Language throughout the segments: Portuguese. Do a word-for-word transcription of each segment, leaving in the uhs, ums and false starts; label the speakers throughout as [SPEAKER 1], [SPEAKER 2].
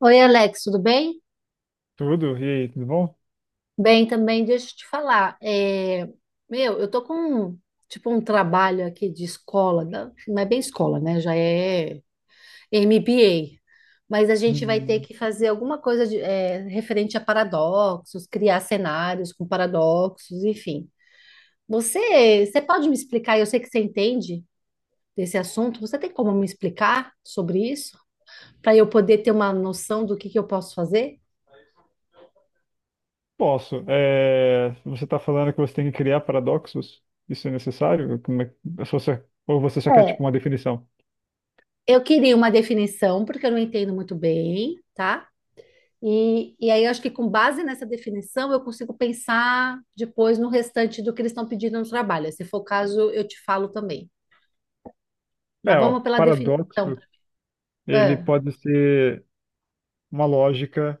[SPEAKER 1] Oi, Alex, tudo bem?
[SPEAKER 2] Tudo? E aí, tudo bom?
[SPEAKER 1] Bem também, deixa eu te falar. É, meu, eu tô com um- tipo um trabalho aqui de escola, não não é bem escola, né? Já é M B A, mas a gente vai ter
[SPEAKER 2] Hum,
[SPEAKER 1] que fazer alguma coisa de, é, referente a paradoxos, criar cenários com paradoxos, enfim. Você, você pode me explicar? Eu sei que você entende desse assunto. Você tem como me explicar sobre isso? Para eu poder ter uma noção do que que eu posso fazer?
[SPEAKER 2] posso. É, você está falando que você tem que criar paradoxos? Isso é necessário? Como é, ou você ou você só quer tipo uma definição?
[SPEAKER 1] Eu queria uma definição, porque eu não entendo muito bem, tá? E, e aí eu acho que com base nessa definição eu consigo pensar depois no restante do que eles estão pedindo no trabalho. Se for o caso, eu te falo também. Mas
[SPEAKER 2] É, ó,
[SPEAKER 1] vamos pela definição.
[SPEAKER 2] paradoxo, ele
[SPEAKER 1] Ah,
[SPEAKER 2] pode ser uma lógica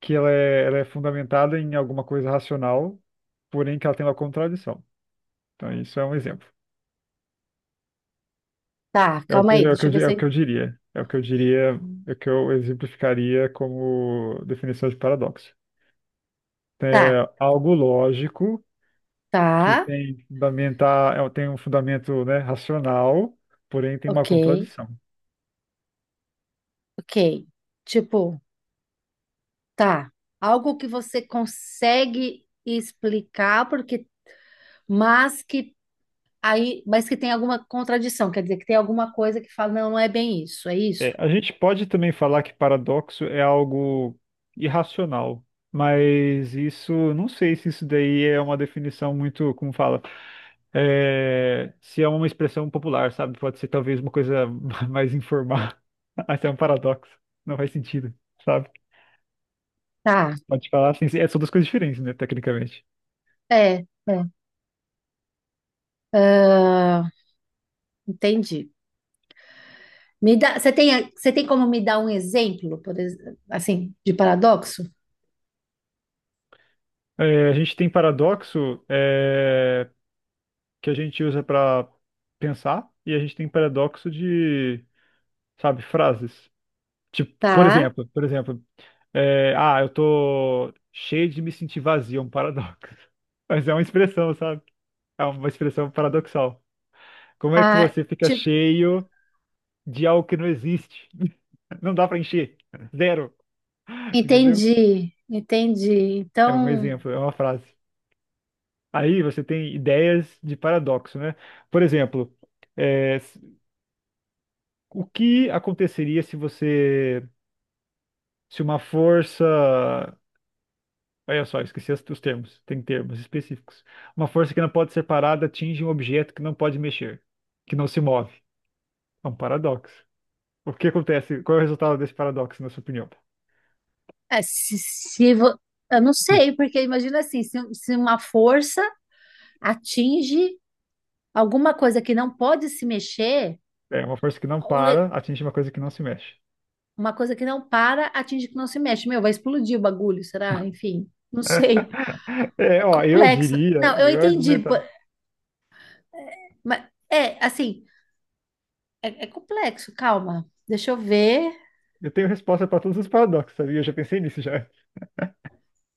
[SPEAKER 2] que ela é, ela é fundamentada em alguma coisa racional, porém que ela tem uma contradição. Então, isso é um exemplo.
[SPEAKER 1] tá,
[SPEAKER 2] É o
[SPEAKER 1] calma
[SPEAKER 2] que,
[SPEAKER 1] aí,
[SPEAKER 2] é o que
[SPEAKER 1] deixa
[SPEAKER 2] eu,
[SPEAKER 1] eu ver
[SPEAKER 2] di- é
[SPEAKER 1] se.
[SPEAKER 2] o que
[SPEAKER 1] Eu-
[SPEAKER 2] eu diria. É o que eu diria, é o que eu exemplificaria como definição de paradoxo.
[SPEAKER 1] Tá,
[SPEAKER 2] É algo lógico que
[SPEAKER 1] tá,
[SPEAKER 2] tem fundamentar, é, tem um fundamento, né, racional, porém tem uma
[SPEAKER 1] ok,
[SPEAKER 2] contradição.
[SPEAKER 1] ok. Tipo, tá. Algo que você consegue explicar, porque, mas que aí, mas que tem alguma contradição, quer dizer, que tem alguma coisa que fala, não, não é bem isso, é isso.
[SPEAKER 2] É, a gente pode também falar que paradoxo é algo irracional, mas isso, não sei se isso daí é uma definição muito, como fala, é, se é uma expressão popular, sabe? Pode ser talvez uma coisa mais informal. Até um paradoxo, não faz sentido, sabe?
[SPEAKER 1] Tá,
[SPEAKER 2] Pode falar assim, é, são duas coisas diferentes, né, tecnicamente.
[SPEAKER 1] é, é. Ah, entendi. Me dá, você tem, você tem como me dar um exemplo, por ex- assim, de paradoxo?
[SPEAKER 2] É, a gente tem paradoxo é, que a gente usa para pensar e a gente tem paradoxo de, sabe, frases. Tipo, por
[SPEAKER 1] Tá.
[SPEAKER 2] exemplo, por exemplo, é, ah, eu tô cheio de me sentir vazio, é um paradoxo. Mas é uma expressão, sabe? É uma expressão paradoxal. Como é que
[SPEAKER 1] Ah,
[SPEAKER 2] você fica
[SPEAKER 1] ti-
[SPEAKER 2] cheio de algo que não existe? Não dá para encher. Zero. Entendeu?
[SPEAKER 1] entendi, entendi.
[SPEAKER 2] É um
[SPEAKER 1] Então,
[SPEAKER 2] exemplo, é uma frase. Aí você tem ideias de paradoxo, né? Por exemplo, é, o que aconteceria se você, se uma força, olha só, esqueci as- os termos, tem termos específicos. Uma força que não pode ser parada atinge um objeto que não pode mexer, que não se move. É um paradoxo. O que acontece? Qual é o resultado desse paradoxo, na sua opinião?
[SPEAKER 1] é, se, se vo- eu não sei, porque imagina assim, se, se uma força atinge alguma coisa que não pode se mexer,
[SPEAKER 2] É uma força que não
[SPEAKER 1] o ne-
[SPEAKER 2] para atinge uma coisa que não se mexe.
[SPEAKER 1] uma coisa que não para atinge que não se mexe. Meu, vai explodir o bagulho, será? Enfim, não sei.
[SPEAKER 2] É,
[SPEAKER 1] É
[SPEAKER 2] ó, eu
[SPEAKER 1] complexo.
[SPEAKER 2] diria,
[SPEAKER 1] Não, eu
[SPEAKER 2] eu ia
[SPEAKER 1] entendi.
[SPEAKER 2] argumentar.
[SPEAKER 1] Mas é assim, é, é complexo, calma. Deixa eu ver.
[SPEAKER 2] Eu tenho resposta para todos os paradoxos, sabia? Eu já pensei nisso já.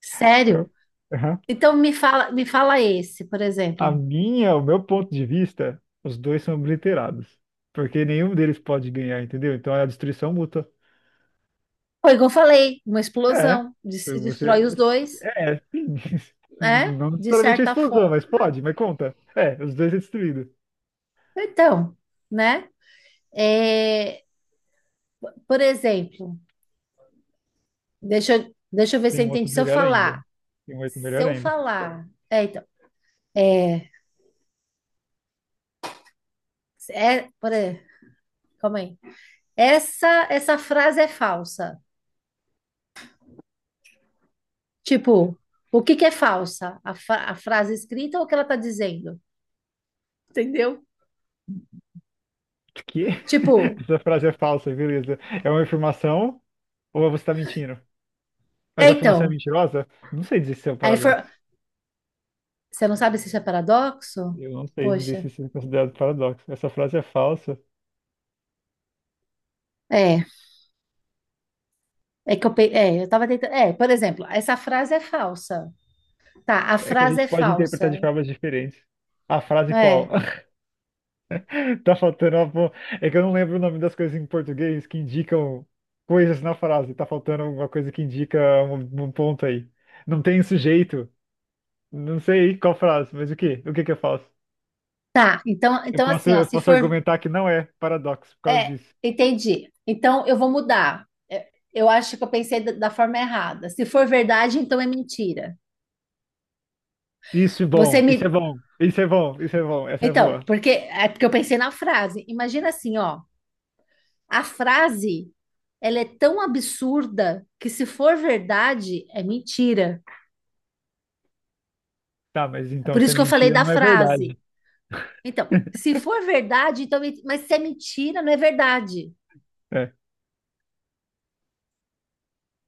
[SPEAKER 1] Sério?
[SPEAKER 2] Então, aham.
[SPEAKER 1] Então me fala, me fala esse, por
[SPEAKER 2] A
[SPEAKER 1] exemplo.
[SPEAKER 2] minha, o meu ponto de vista, os dois são obliterados. Porque nenhum deles pode ganhar, entendeu? Então é a destruição mútua.
[SPEAKER 1] Foi igual eu falei, uma
[SPEAKER 2] É.
[SPEAKER 1] explosão, de- se
[SPEAKER 2] Você.
[SPEAKER 1] destrói os dois,
[SPEAKER 2] É, é, sim.
[SPEAKER 1] né?
[SPEAKER 2] Não
[SPEAKER 1] De
[SPEAKER 2] necessariamente a
[SPEAKER 1] certa
[SPEAKER 2] explosão,
[SPEAKER 1] forma.
[SPEAKER 2] mas pode, mas conta. É, os dois é destruído.
[SPEAKER 1] Então, né? É, por exemplo, deixa, eu- deixa eu ver se
[SPEAKER 2] Tem
[SPEAKER 1] eu
[SPEAKER 2] um
[SPEAKER 1] entendi.
[SPEAKER 2] outro
[SPEAKER 1] Se eu
[SPEAKER 2] melhor ainda.
[SPEAKER 1] falar,
[SPEAKER 2] Tem um outro
[SPEAKER 1] se
[SPEAKER 2] melhor
[SPEAKER 1] eu
[SPEAKER 2] ainda.
[SPEAKER 1] falar, é, então, é, por exemplo, calma aí. Essa, essa frase é falsa. Tipo, o que que é falsa? A, fra- a frase escrita ou o que ela tá dizendo? Entendeu?
[SPEAKER 2] O quê?
[SPEAKER 1] Tipo,
[SPEAKER 2] Essa frase é falsa, beleza. É uma afirmação ou você está mentindo?
[SPEAKER 1] é
[SPEAKER 2] Mas a afirmação é
[SPEAKER 1] então,
[SPEAKER 2] mentirosa? Não sei dizer se é um
[SPEAKER 1] aí infor-
[SPEAKER 2] paradoxo.
[SPEAKER 1] você não sabe se isso é paradoxo?
[SPEAKER 2] Eu não sei dizer se
[SPEAKER 1] Poxa,
[SPEAKER 2] isso é considerado paradoxo. Essa frase é falsa.
[SPEAKER 1] é, é que eu, pe- é, eu tava tentando, é, por exemplo, essa frase é falsa. Tá, a
[SPEAKER 2] É que a
[SPEAKER 1] frase
[SPEAKER 2] gente
[SPEAKER 1] é
[SPEAKER 2] pode interpretar
[SPEAKER 1] falsa.
[SPEAKER 2] de formas diferentes. A frase qual?
[SPEAKER 1] É.
[SPEAKER 2] Tá faltando uma... bo- É que eu não lembro o nome das coisas em português que indicam coisas na frase. Tá faltando alguma coisa que indica um, um ponto aí. Não tem sujeito. Não sei qual frase, mas o quê? O que que eu faço?
[SPEAKER 1] Tá, então,
[SPEAKER 2] Eu
[SPEAKER 1] então
[SPEAKER 2] posso,
[SPEAKER 1] assim, ó,
[SPEAKER 2] eu
[SPEAKER 1] se
[SPEAKER 2] posso
[SPEAKER 1] for,
[SPEAKER 2] argumentar que não é paradoxo por causa
[SPEAKER 1] é,
[SPEAKER 2] disso.
[SPEAKER 1] entendi. Então eu vou mudar. É, eu acho que eu pensei da, da forma errada. Se for verdade, então é mentira.
[SPEAKER 2] Isso é
[SPEAKER 1] Você
[SPEAKER 2] bom, isso é
[SPEAKER 1] me,
[SPEAKER 2] bom, isso é bom, isso é bom, essa é boa.
[SPEAKER 1] então, porque é porque eu pensei na frase. Imagina assim, ó, a frase, ela é tão absurda que se for verdade, é mentira.
[SPEAKER 2] Tá, mas
[SPEAKER 1] É
[SPEAKER 2] então
[SPEAKER 1] por
[SPEAKER 2] se
[SPEAKER 1] isso
[SPEAKER 2] é
[SPEAKER 1] que eu falei
[SPEAKER 2] mentira,
[SPEAKER 1] da
[SPEAKER 2] não é verdade.
[SPEAKER 1] frase. Então, se for verdade, então, men- mas se é mentira, não é verdade.
[SPEAKER 2] É,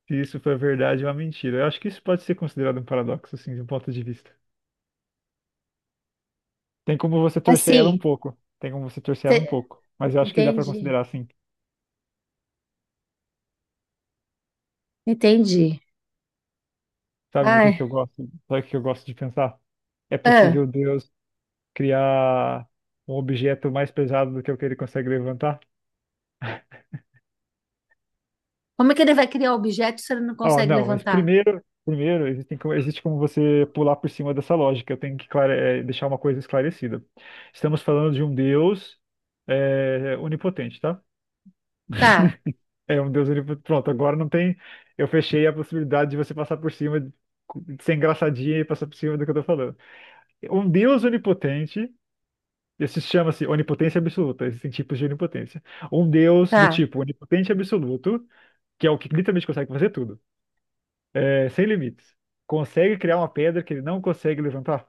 [SPEAKER 2] se isso for verdade, é uma mentira. Eu acho que isso pode ser considerado um paradoxo, assim, de um ponto de vista. Tem como você
[SPEAKER 1] Mas
[SPEAKER 2] torcer ela um
[SPEAKER 1] sim,
[SPEAKER 2] pouco. Tem como você torcer ela um
[SPEAKER 1] você-
[SPEAKER 2] pouco. Mas eu acho que dá pra
[SPEAKER 1] entendi,
[SPEAKER 2] considerar assim.
[SPEAKER 1] entendi.
[SPEAKER 2] Sabe o que
[SPEAKER 1] Ai,
[SPEAKER 2] que eu gosto? Sabe o que eu gosto de pensar? É
[SPEAKER 1] ah,
[SPEAKER 2] possível Deus criar um objeto mais pesado do que o que ele consegue levantar?
[SPEAKER 1] como é que ele vai criar objeto se ele não
[SPEAKER 2] Ó,
[SPEAKER 1] consegue
[SPEAKER 2] não, mas
[SPEAKER 1] levantar?
[SPEAKER 2] primeiro, primeiro existem como- existe como você pular por cima dessa lógica. Eu tenho que clare- eh, Deixar uma coisa esclarecida. Estamos falando de um Deus eh, onipotente, tá?
[SPEAKER 1] Tá,
[SPEAKER 2] É um Deus livre. Pronto, agora não tem. Eu fechei a possibilidade de você passar por cima, de de ser engraçadinha e passar por cima do que eu tô falando. Um Deus onipotente, esse chama-se onipotência absoluta, existem tipos de onipotência. Um Deus do
[SPEAKER 1] tá.
[SPEAKER 2] tipo onipotente absoluto, que é o que literalmente consegue fazer tudo, é, sem limites. Consegue criar uma pedra que ele não consegue levantar?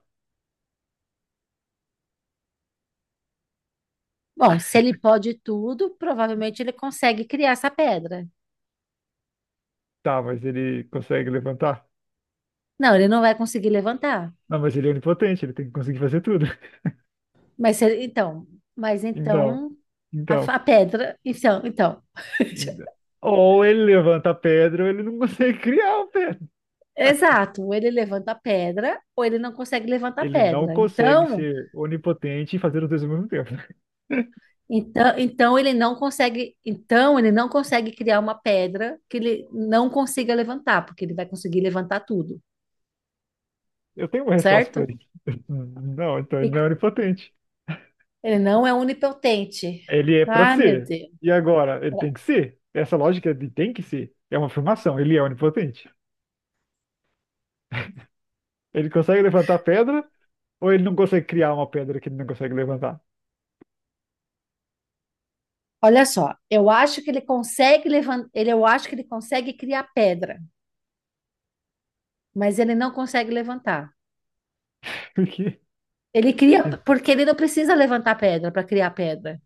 [SPEAKER 1] Bom, se ele pode tudo, provavelmente ele consegue criar essa pedra.
[SPEAKER 2] Tá, mas ele consegue levantar?
[SPEAKER 1] Não, ele não vai conseguir levantar.
[SPEAKER 2] Não, mas ele é onipotente, ele tem que conseguir fazer tudo.
[SPEAKER 1] Mas se- então, mas
[SPEAKER 2] Então,
[SPEAKER 1] então a, fa-
[SPEAKER 2] então.
[SPEAKER 1] a pedra, então, então.
[SPEAKER 2] Ou ele levanta a pedra, ou ele não consegue criar a pedra.
[SPEAKER 1] Exato, ou ele levanta a pedra ou ele não consegue levantar a
[SPEAKER 2] Ele não
[SPEAKER 1] pedra.
[SPEAKER 2] consegue
[SPEAKER 1] Então,
[SPEAKER 2] ser onipotente e fazer os dois ao mesmo tempo.
[SPEAKER 1] então, então ele não consegue, então ele não consegue criar uma pedra que ele não consiga levantar, porque ele vai conseguir levantar tudo,
[SPEAKER 2] Eu tenho uma resposta para
[SPEAKER 1] certo?
[SPEAKER 2] isso. Não, então
[SPEAKER 1] E
[SPEAKER 2] ele não é onipotente.
[SPEAKER 1] ele não é onipotente.
[SPEAKER 2] Ele é para
[SPEAKER 1] Ah, meu
[SPEAKER 2] ser.
[SPEAKER 1] Deus.
[SPEAKER 2] E agora, ele tem que ser? Essa lógica de tem que ser é uma afirmação. Ele é onipotente. Ele consegue levantar a pedra, ou ele não consegue criar uma pedra que ele não consegue levantar?
[SPEAKER 1] Olha só, eu acho que ele consegue levantar, ele, eu acho que ele consegue criar pedra, mas ele não consegue levantar.
[SPEAKER 2] Porque...
[SPEAKER 1] Ele cria, porque ele não precisa levantar pedra para criar pedra.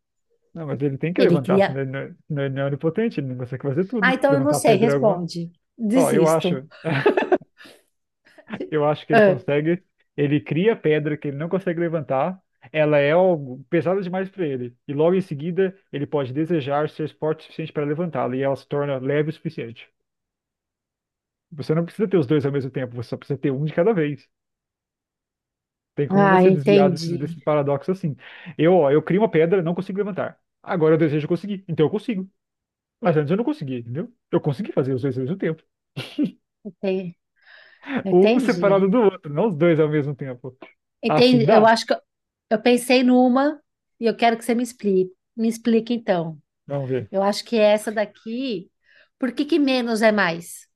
[SPEAKER 2] Não, mas ele tem que
[SPEAKER 1] Ele
[SPEAKER 2] levantar,
[SPEAKER 1] cria.
[SPEAKER 2] senão ele não é, senão ele não é onipotente, ele não consegue fazer
[SPEAKER 1] Ah,
[SPEAKER 2] tudo.
[SPEAKER 1] então eu não
[SPEAKER 2] Levantar a
[SPEAKER 1] sei,
[SPEAKER 2] pedra é alguma.
[SPEAKER 1] responde.
[SPEAKER 2] Ó, eu
[SPEAKER 1] Desisto.
[SPEAKER 2] acho. Eu acho que ele
[SPEAKER 1] Ah,
[SPEAKER 2] consegue. Ele cria a pedra que ele não consegue levantar. Ela é algo pesada demais para ele. E logo em seguida, ele pode desejar ser forte o suficiente para levantá-la. E ela se torna leve o suficiente. Você não precisa ter os dois ao mesmo tempo. Você só precisa ter um de cada vez. Tem como
[SPEAKER 1] ah,
[SPEAKER 2] você desviar desse,
[SPEAKER 1] entendi.
[SPEAKER 2] desse paradoxo assim. Eu, ó, eu crio uma pedra, não consigo levantar. Agora eu desejo conseguir. Então eu consigo. Mas antes eu não conseguia, entendeu? Eu consegui fazer os dois ao mesmo tempo.
[SPEAKER 1] Enten-
[SPEAKER 2] Um
[SPEAKER 1] Entendi.
[SPEAKER 2] separado do outro, não os dois ao mesmo tempo. Assim
[SPEAKER 1] Entendi. Eu
[SPEAKER 2] dá?
[SPEAKER 1] acho que eu, eu pensei numa e eu quero que você me explique. Me explique então.
[SPEAKER 2] Vamos ver.
[SPEAKER 1] Eu acho que essa daqui, por que que menos é mais?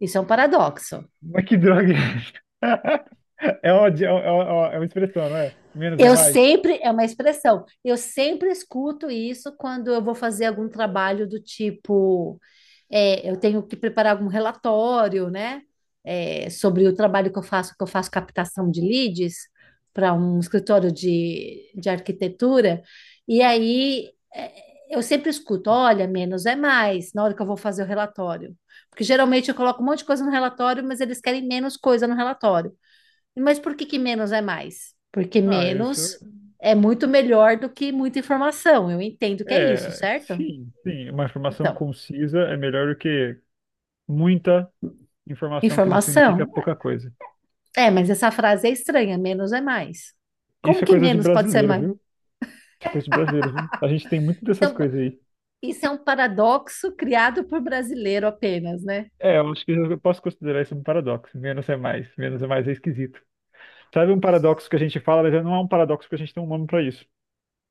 [SPEAKER 1] Isso é um paradoxo.
[SPEAKER 2] Mas que droga é essa? É uma, é uma, é uma expressão, não é? Menos é
[SPEAKER 1] Eu
[SPEAKER 2] mais?
[SPEAKER 1] sempre, é uma expressão, eu sempre escuto isso quando eu vou fazer algum trabalho do tipo, é, eu tenho que preparar algum relatório, né? É, sobre o trabalho que eu faço, que eu faço captação de leads para um escritório de, de arquitetura, e aí é, eu sempre escuto, olha, menos é mais, na hora que eu vou fazer o relatório. Porque geralmente eu coloco um monte de coisa no relatório, mas eles querem menos coisa no relatório. Mas por que que menos é mais? Porque
[SPEAKER 2] Ah,
[SPEAKER 1] menos
[SPEAKER 2] isso.
[SPEAKER 1] é muito melhor do que muita informação. Eu entendo que é isso,
[SPEAKER 2] É, é,
[SPEAKER 1] certo?
[SPEAKER 2] sim, sim. Uma informação
[SPEAKER 1] Então,
[SPEAKER 2] concisa é melhor do que muita informação que não significa
[SPEAKER 1] informação.
[SPEAKER 2] pouca coisa.
[SPEAKER 1] É, mas essa frase é estranha. Menos é mais. Como
[SPEAKER 2] Isso é
[SPEAKER 1] que
[SPEAKER 2] coisa de
[SPEAKER 1] menos pode ser
[SPEAKER 2] brasileiro,
[SPEAKER 1] mais?
[SPEAKER 2] viu? Isso é coisa de brasileiro, viu? A gente tem muito
[SPEAKER 1] Isso é
[SPEAKER 2] dessas
[SPEAKER 1] um,
[SPEAKER 2] coisas aí.
[SPEAKER 1] isso é um paradoxo criado por brasileiro apenas, né?
[SPEAKER 2] É, eu acho que eu posso considerar isso um paradoxo. Menos é mais. Menos é mais é esquisito. Sabe um paradoxo que a gente fala, mas não é um paradoxo porque a gente tem um nome pra isso.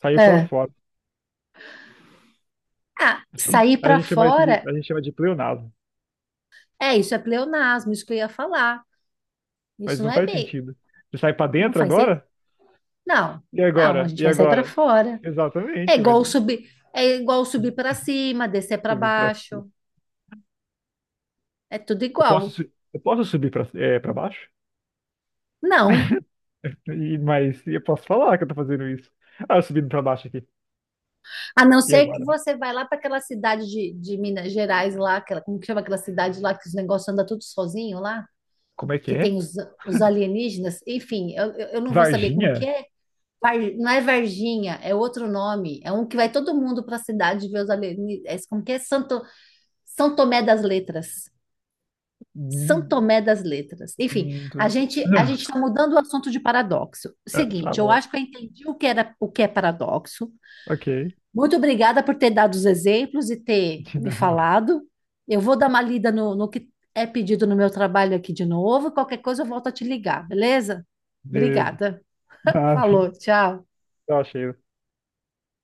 [SPEAKER 2] Saiu pra
[SPEAKER 1] É.
[SPEAKER 2] fora.
[SPEAKER 1] Ah, sair
[SPEAKER 2] A
[SPEAKER 1] para
[SPEAKER 2] gente chama isso de,
[SPEAKER 1] fora,
[SPEAKER 2] a gente chama de pleonasmo.
[SPEAKER 1] é isso, é pleonasmo, isso que eu ia falar. Isso
[SPEAKER 2] Mas
[SPEAKER 1] não
[SPEAKER 2] não
[SPEAKER 1] é
[SPEAKER 2] faz
[SPEAKER 1] bem.
[SPEAKER 2] sentido. Você sai pra
[SPEAKER 1] Não
[SPEAKER 2] dentro
[SPEAKER 1] faz sentido.
[SPEAKER 2] agora?
[SPEAKER 1] Não,
[SPEAKER 2] E
[SPEAKER 1] não, a
[SPEAKER 2] agora?
[SPEAKER 1] gente
[SPEAKER 2] E
[SPEAKER 1] vai sair para
[SPEAKER 2] agora?
[SPEAKER 1] fora. É
[SPEAKER 2] Exatamente, mas
[SPEAKER 1] igual subir, é igual subir para cima, descer para
[SPEAKER 2] eu vim pra- eu
[SPEAKER 1] baixo, é tudo
[SPEAKER 2] posso,
[SPEAKER 1] igual.
[SPEAKER 2] su- eu posso subir pra, é, pra baixo?
[SPEAKER 1] Não,
[SPEAKER 2] E, mas eu posso falar que eu tô fazendo isso. Ah, eu subindo pra baixo aqui.
[SPEAKER 1] a não
[SPEAKER 2] E
[SPEAKER 1] ser que
[SPEAKER 2] agora?
[SPEAKER 1] você vai lá para aquela cidade de, de Minas Gerais lá, aquela, como que chama aquela cidade lá que os negócios andam tudo sozinho lá,
[SPEAKER 2] Como é que
[SPEAKER 1] que
[SPEAKER 2] é?
[SPEAKER 1] tem os, os alienígenas, enfim, eu, eu eu não vou saber como que
[SPEAKER 2] Varginha?
[SPEAKER 1] é. Var- Não é Varginha, é outro nome, é um que vai todo mundo para a cidade ver os alienígenas. É, como que é Santo, São Tomé das Letras. São
[SPEAKER 2] Hum,
[SPEAKER 1] Tomé das Letras. Enfim,
[SPEAKER 2] hum,
[SPEAKER 1] a
[SPEAKER 2] tu-
[SPEAKER 1] gente a
[SPEAKER 2] Não.
[SPEAKER 1] gente está mudando o assunto de paradoxo.
[SPEAKER 2] Tá
[SPEAKER 1] Seguinte, eu
[SPEAKER 2] bom.
[SPEAKER 1] acho que eu entendi o que era o que é paradoxo.
[SPEAKER 2] Ok.
[SPEAKER 1] Muito obrigada por ter dado os exemplos e ter
[SPEAKER 2] De
[SPEAKER 1] me
[SPEAKER 2] nada.
[SPEAKER 1] falado. Eu vou dar uma lida no, no que é pedido no meu trabalho aqui de novo. Qualquer coisa eu volto a te ligar, beleza?
[SPEAKER 2] Beleza.
[SPEAKER 1] Obrigada.
[SPEAKER 2] Nada.
[SPEAKER 1] Falou, tchau.
[SPEAKER 2] Eu achei.